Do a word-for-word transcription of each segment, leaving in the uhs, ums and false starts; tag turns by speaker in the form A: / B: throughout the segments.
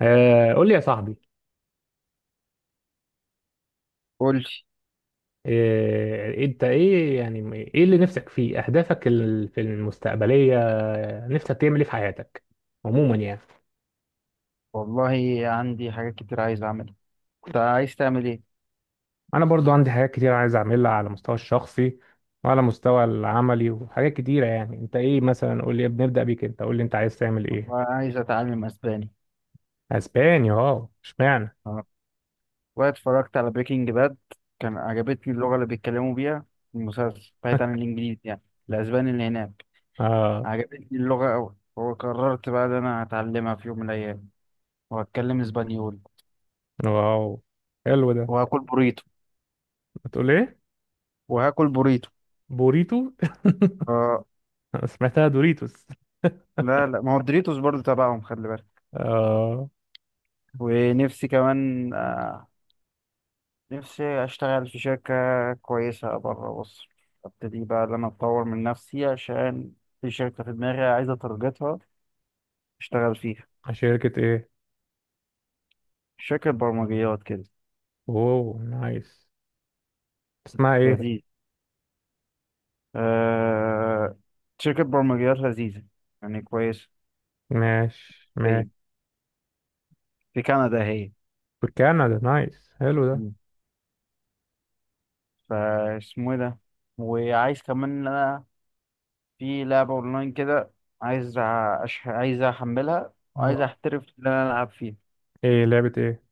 A: آه، قول لي يا صاحبي.
B: قول لي.
A: آه، انت ايه؟ يعني ايه اللي نفسك فيه اهدافك ال- في المستقبليه؟ آه، نفسك تعمل ايه في حياتك عموما يعني؟
B: والله عندي حاجات كتير عايز اعملها. انت عايز تعمل ايه؟
A: انا برضو عندي حاجات كتير عايز اعملها على المستوى الشخصي، وعلى المستوى العملي وحاجات كتيره. يعني انت ايه مثلا؟ قول لي، بنبدا بيك، انت قول لي انت عايز تعمل
B: والله
A: ايه؟
B: عايز اتعلم اسباني.
A: اسبانيا، اه اشمعنى؟
B: اه، واتفرجت على بريكنج باد. كان عجبتني اللغه اللي بيتكلموا بيها في المسلسل، بعيد عن الانجليزي يعني، الاسباني اللي هناك.
A: اه.
B: عجبتني اللغه قوي، وقررت بقى ان انا هتعلمها في يوم من الايام وهتكلم اسبانيول.
A: واو، حلو ده.
B: وهاكل بوريتو.
A: بتقول ايه؟
B: وهاكل بوريتو.
A: بوريتو.
B: اه.
A: سمعتها دوريتوس.
B: لا لا، ما هو الدوريتوس برضه تبعهم، خلي بالك.
A: اه.
B: ونفسي كمان آه، نفسي أشتغل في شركة كويسة بره مصر. أبتدي بقى إن أنا أطور من نفسي، عشان في شركة في دماغي عايزة أترجتها أشتغل فيها.
A: شركه ايه؟
B: شركة برمجيات كده.
A: اوه، نايس. اسمها ايه؟
B: لذيذ. أه... شركة برمجيات لذيذة، يعني كويسة.
A: ماشي ماشي.
B: في في كندا هي.
A: في كندا، نايس، حلو ده.
B: مم. فاسمه إيه ده؟ وعايز كمان إن أنا في لعبة أونلاين كده. عايز أ- أش... عايز أحملها، وعايز
A: اه.
B: أحترف إن أنا ألعب فيها.
A: ايه؟ لعبة ايه؟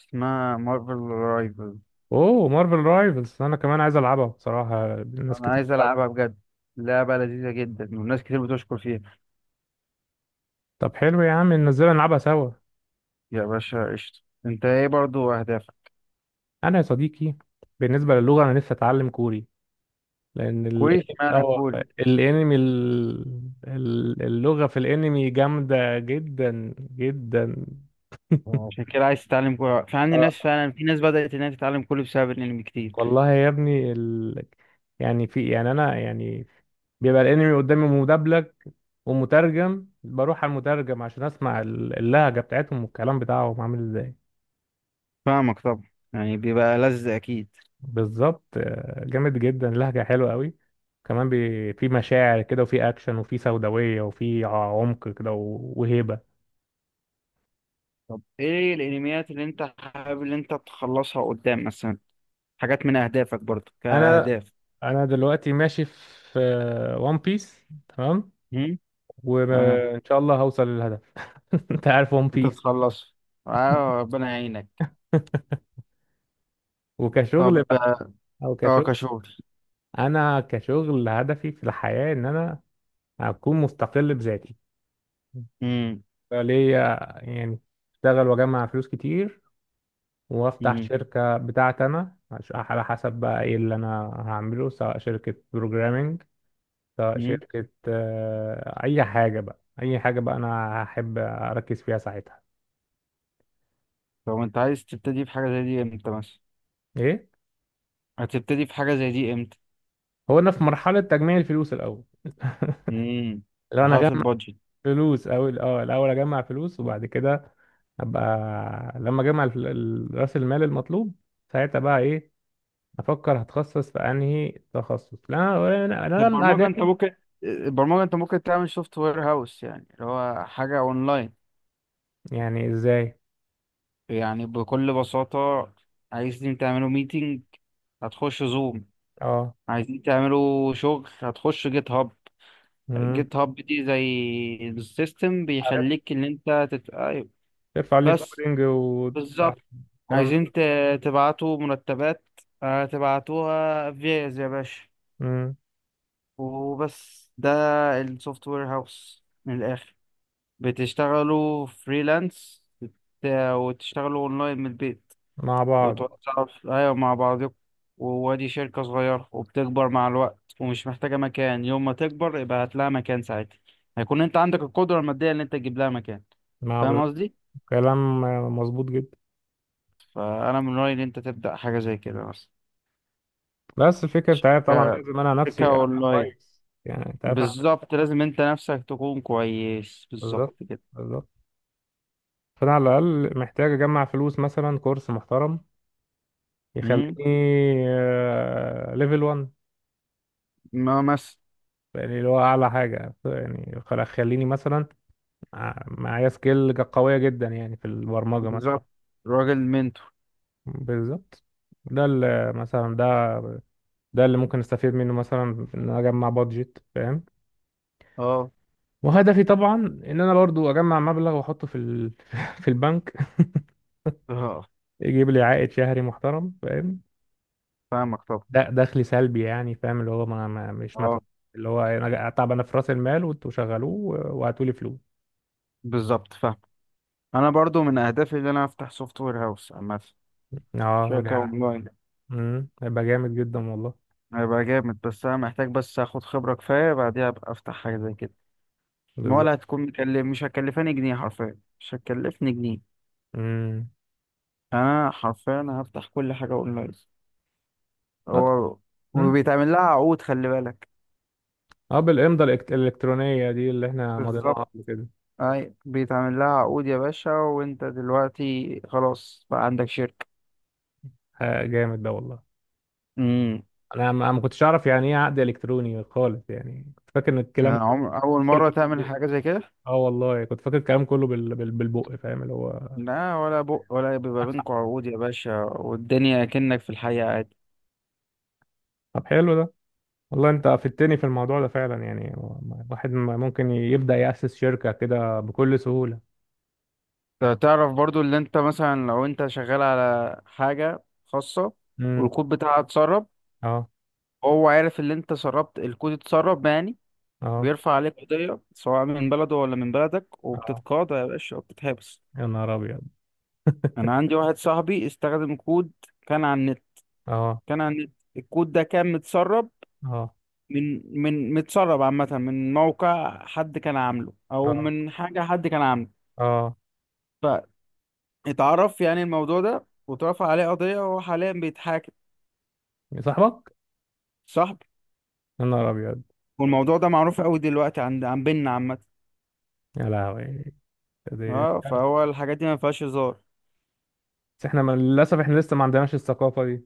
B: اسمها مارفل رايفل.
A: اوه، مارفل رايفلز، انا كمان عايز العبها بصراحة، ناس
B: انا
A: كتير
B: عايز
A: بتلعبها.
B: العبها بجد. لعبه لذيذه جدا، والناس كتير بتشكر فيها.
A: طب حلو يا عم، ننزلها نلعبها سوا.
B: يا باشا قشطه. انت ايه برضو اهدافك؟
A: انا يا صديقي، بالنسبة للغة انا نفسي اتعلم كوري، لان
B: كوري؟
A: الانمي
B: اشمعنى
A: اه
B: كوري؟
A: الانمي ال- ال- اللغة في الانمي جامدة جدا جدا.
B: عشان كده عايز تتعلم كوري؟ في عندي ناس
A: اه،
B: فعلا، في ناس بدأت انها تتعلم كوري بسبب الانمي كتير.
A: والله يا ابني ال... يعني في، يعني انا يعني بيبقى الانمي قدامي مدبلج ومترجم، بروح على المترجم عشان اسمع ال- اللهجه بتاعتهم والكلام بتاعهم عامل ازاي.
B: فاهمك طبعا. يعني بيبقى لذ اكيد.
A: بالظبط، آه، جامد جدا، لهجه حلوه قوي. كمان بي... في مشاعر كده، وفي اكشن، وفي سوداويه، وفي ع- عمق كده و- وهيبه.
B: طب ايه الانميات اللي انت حابب اللي انت تخلصها قدام مثلا؟ حاجات من اهدافك برضو
A: انا
B: كاهداف.
A: انا دلوقتي ماشي في ون بيس، تمام،
B: هم؟ تمام.
A: وان شاء الله هوصل للهدف. انت عارف ون
B: انت
A: بيس.
B: تخلص، اه ربنا يعينك.
A: وكشغل
B: طب.
A: بقى، او
B: اه
A: كشغل،
B: كشغل.
A: انا كشغل هدفي في الحياه ان انا اكون مستقل بذاتي
B: امم.
A: ليا، يعني اشتغل واجمع فلوس كتير وافتح شركة بتاعتي انا. عش- على حسب بقى ايه اللي انا هعمله، سواء شركة بروجرامينج، سواء شركة آه، اي حاجة بقى، اي حاجة بقى انا هحب اركز فيها ساعتها.
B: طب انت عايز تبتدي في حاجة زي دي امتى مثلا؟
A: ايه؟
B: هتبتدي في حاجة زي دي امتى؟
A: هو انا في مرحلة تجميع الفلوس الاول.
B: امم،
A: لو انا
B: مرحلة
A: اجمع
B: البادجت.
A: فلوس، او اه الاول اجمع فلوس وبعد كده ابقى، لما اجمع الف- ال- راس المال المطلوب، ساعتها بقى ايه، افكر هتخصص في انهي تخصص. لا انا، انا أنا من
B: البرمجة انت
A: اهدافي.
B: ممكن البرمجة انت ممكن تعمل سوفت وير هاوس، يعني اللي هو حاجة اونلاين.
A: يعني ازاي؟
B: يعني بكل بساطة، عايزين تعملوا ميتنج، هتخش زوم.
A: اه.
B: عايزين تعملوا شغل، هتخش جيت هاب.
A: امم.
B: جيت هاب دي زي السيستم،
A: عارف،
B: بيخليك ان انت تت... ايوه،
A: ترفع لي
B: بس.
A: الكودينج
B: بالظبط.
A: والكلام،
B: عايزين
A: ده.
B: ت- تبعتوا مرتبات، آه، تبعتوها فيز يا باشا.
A: امم.
B: وبس ده السوفت وير هاوس من الآخر. بتشتغلوا فريلانس، وتشتغلوا اونلاين من البيت.
A: مع بعض.
B: وتوزعوا ف- ايوه، مع بعضكم. وادي شركة صغيرة، وبتكبر مع الوقت، ومش محتاجة مكان. يوم ما تكبر يبقى هات لها مكان ساعتها. هيكون انت عندك القدرة المادية ان انت تجيب لها مكان.
A: مع ب...
B: فاهم قصدي؟
A: كلام مظبوط جدا.
B: فانا من رأيي ان انت تبدأ حاجة زي كده،
A: بس الفكره بتاعتي طبعا
B: مثلا
A: لازم انا
B: شركة
A: نفسي ابقى
B: أونلاين.
A: كويس، يعني انت عارف. أنا-
B: بالظبط، لازم أنت نفسك تكون كويس، بالظبط
A: بالظبط،
B: كده.
A: بالظبط. فانا على الاقل محتاج اجمع فلوس، مثلا كورس محترم
B: مم؟
A: يخليني ليفل واحد،
B: ما مس
A: يعني اللي هو اعلى حاجه، يعني خل- خليني مثلا ع- معايا سكيل ج- قوية جدا يعني في البرمجة مثلا.
B: بالظبط، راجل منتور.
A: بالظبط. ده اللي مثلا، ده ده اللي ممكن استفيد منه مثلا، ان انا اجمع بادجت، فاهم؟
B: أه.
A: وهدفي طبعا ان انا برضو اجمع مبلغ واحطه في ال... في البنك،
B: أه.
A: يجيب لي عائد شهري محترم، فاهم؟
B: فاهمك طبعا.
A: ده دخلي سلبي، يعني فاهم، اللي هو ما... ما مش
B: أه.
A: متوقع، اللي هو انا طب انا في راس المال وانتوا شغلوه وهاتوا لي فلوس.
B: بالظبط فاهم. أنا برضو من أهدافي إن أنا أفتح سوفت وير هاوس عامة،
A: اه.
B: شركة
A: جا-
B: أونلاين.
A: امم، هيبقى جامد جدا والله.
B: هيبقى جامد، بس أنا محتاج بس آخد خبرة كفاية، بعديها أبقى أفتح حاجة زي كده. ما
A: بالظبط.
B: ولا هتكون مكلف، مش هتكلفاني جنيه، حرفيا مش هتكلفني جنيه. أنا حرفيا هفتح كل حاجة أونلاين. هو
A: امم.
B: وبيتعمل لها عقود، خلي بالك.
A: اه، بالإمضة الإلكت- الإلكترونية دي اللي احنا مضيناها
B: بالظبط،
A: قبل كده.
B: اي بيتعمل لها عقود يا باشا، وانت دلوقتي خلاص بقى عندك شركة.
A: ح- جامد ده والله.
B: امم.
A: انا ما أنا ما كنتش اعرف يعني ايه عقد الكتروني خالص، يعني كنت فاكر ان الكلام كله
B: عمر اول
A: كله
B: مرة
A: كده
B: تعمل
A: بالبق.
B: حاجة زي كده؟
A: اه والله، كنت فاكر الكلام كله بال... بال... بالبق، فاهم، اللي هو.
B: لا، ولا بق، ولا بيبقى بينكم عقود يا باشا، والدنيا كأنك في الحقيقة عادي.
A: طب حلو ده والله، انت افدتني في الموضوع ده فعلا. يعني واحد م- ممكن يبدأ يأسس شركة كده بكل سهولة.
B: ت- تعرف برضو، اللي انت مثلا لو انت شغال على حاجة خاصة
A: امم.
B: والكود بتاعها اتسرب.
A: اه.
B: هو عارف اللي انت سربت الكود، اتسرب يعني.
A: اه.
B: بيرفع عليك قضية سواء من بلده ولا من بلدك،
A: اه.
B: وبتتقاضى يا باشا وبتتحبس.
A: يا نهار ابيض.
B: انا عندي واحد صاحبي استخدم كود كان على النت
A: اه.
B: كان على النت الكود ده كان متسرب،
A: اه.
B: من من متسرب عامة، من موقع حد كان عامله او
A: اه.
B: من حاجة حد كان عامله.
A: اه.
B: فاتعرف يعني الموضوع ده، واترفع عليه قضية، وهو حاليا بيتحاكم.
A: يا صاحبك.
B: صاحبي.
A: يا نهار ابيض.
B: والموضوع ده معروف قوي دلوقتي عند عن بيننا عامة.
A: يا لهوي. دي.
B: اه، فهو الحاجات دي ما فيهاش هزار.
A: بس احنا، ما- للاسف احنا لسه ما عندناش الثقافه دي.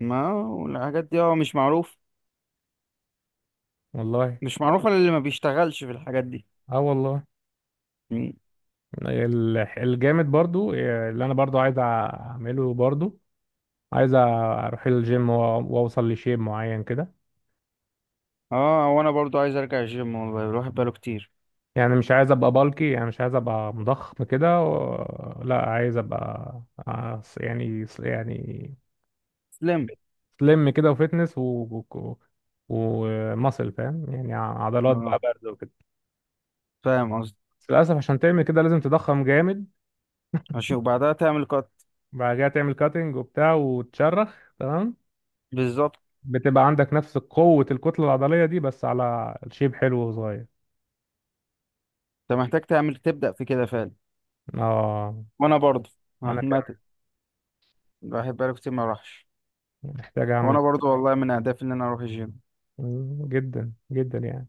B: ما والحاجات دي هو مش معروف،
A: والله.
B: مش معروفة للي ما بيشتغلش في الحاجات دي.
A: اه والله.
B: م.
A: ال- الجامد برضو اللي انا برضو عايز اعمله برضو، عايز اروح الجيم و- واوصل لشيب معين كده،
B: اه، وانا برضو عايز ارجع الجيم، والله الواحد بقاله كتير.
A: يعني مش عايز ابقى بالكي، يعني مش عايز ابقى مضخم كده و... لا، عايز ابقى آه، يعني يعني
B: تسلم.
A: سليم كده وفتنس و... و... وماسل، فاهم؟ يعني عضلات بقى
B: اه،
A: برضه وكده.
B: فاهم قصدي.
A: بس للاسف عشان تعمل كده لازم تضخم جامد،
B: ماشي، وبعدها تعمل كات.
A: بعد كده تعمل كاتنج وبتاع وتشرخ، تمام،
B: بالظبط.
A: بتبقى عندك نفس قوة الكتلة العضلية دي بس على شيب حلو وصغير.
B: انت محتاج تعمل، تبدأ في كده فعلا.
A: اه.
B: وانا برضه
A: انا
B: عامة
A: كمان
B: الواحد بقاله كتير ما راحش.
A: محتاج اعمل.
B: وانا برضه والله من اهدافي ان انا اروح الجيم.
A: مم، جدا جدا يعني.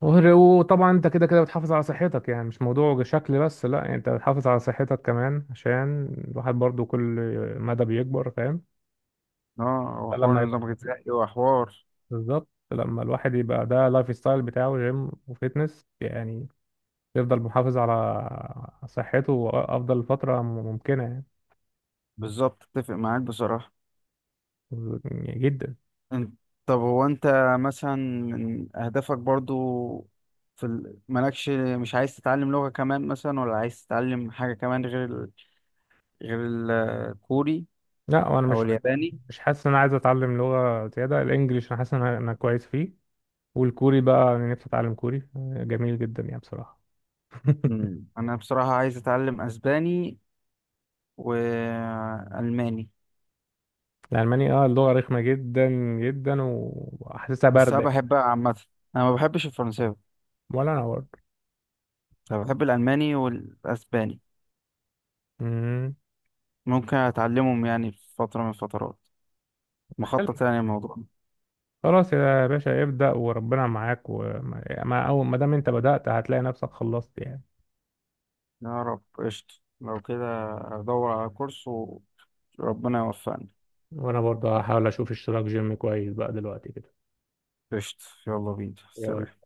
A: وغير- وطبعا انت كده كده بتحافظ على صحتك، يعني مش موضوع شكل بس، لا يعني انت بتحافظ على صحتك كمان عشان الواحد برضو كل مدى بيكبر، فاهم.
B: اه، وحوار
A: فلما يبقى
B: النظام الغذائي وحوار.
A: بالظبط لما الواحد يبقى ده لايف ستايل بتاعه جيم وفيتنس، يعني يفضل محافظ على صحته افضل فتره ممكنه،
B: بالظبط، اتفق معاك بصراحة.
A: يعني جدا.
B: انت، طب هو انت مثلا من اهدافك برضه في ال... مالكش، مش عايز تتعلم لغة كمان مثلا، ولا عايز تتعلم حاجة كمان غير ال... غير الكوري
A: لا، وانا
B: او
A: مش
B: الياباني؟
A: مش حاسس ان انا عايز اتعلم لغه زياده، الانجليش انا حاسس ان انا أنا كويس فيه، والكوري بقى انا نفسي اتعلم كوري، جميل جدا يعني بصراحه.
B: مم. انا بصراحة عايز اتعلم اسباني والألماني.
A: الالماني، اه اللغه رخمه جدا جدا، وحاسسها
B: بس أنا
A: بارده كده.
B: بحب عامة، أنا ما بحبش الفرنساوي.
A: ولا انا برضه.
B: أنا بحب الألماني والأسباني.
A: مم.
B: ممكن أتعلمهم يعني في فترة من الفترات،
A: حلو.
B: مخطط يعني الموضوع.
A: خلاص يا باشا، ابدأ وربنا معاك، وما ما- أول ما دام أنت بدأت هتلاقي نفسك خلصت يعني.
B: يا رب قشطة. لو كده أدور على كورس وربنا يوفقني.
A: وأنا برضه هحاول أشوف اشتراك جيم كويس بقى دلوقتي كده.
B: قشطة، يلا بينا
A: يلا.
B: سلام.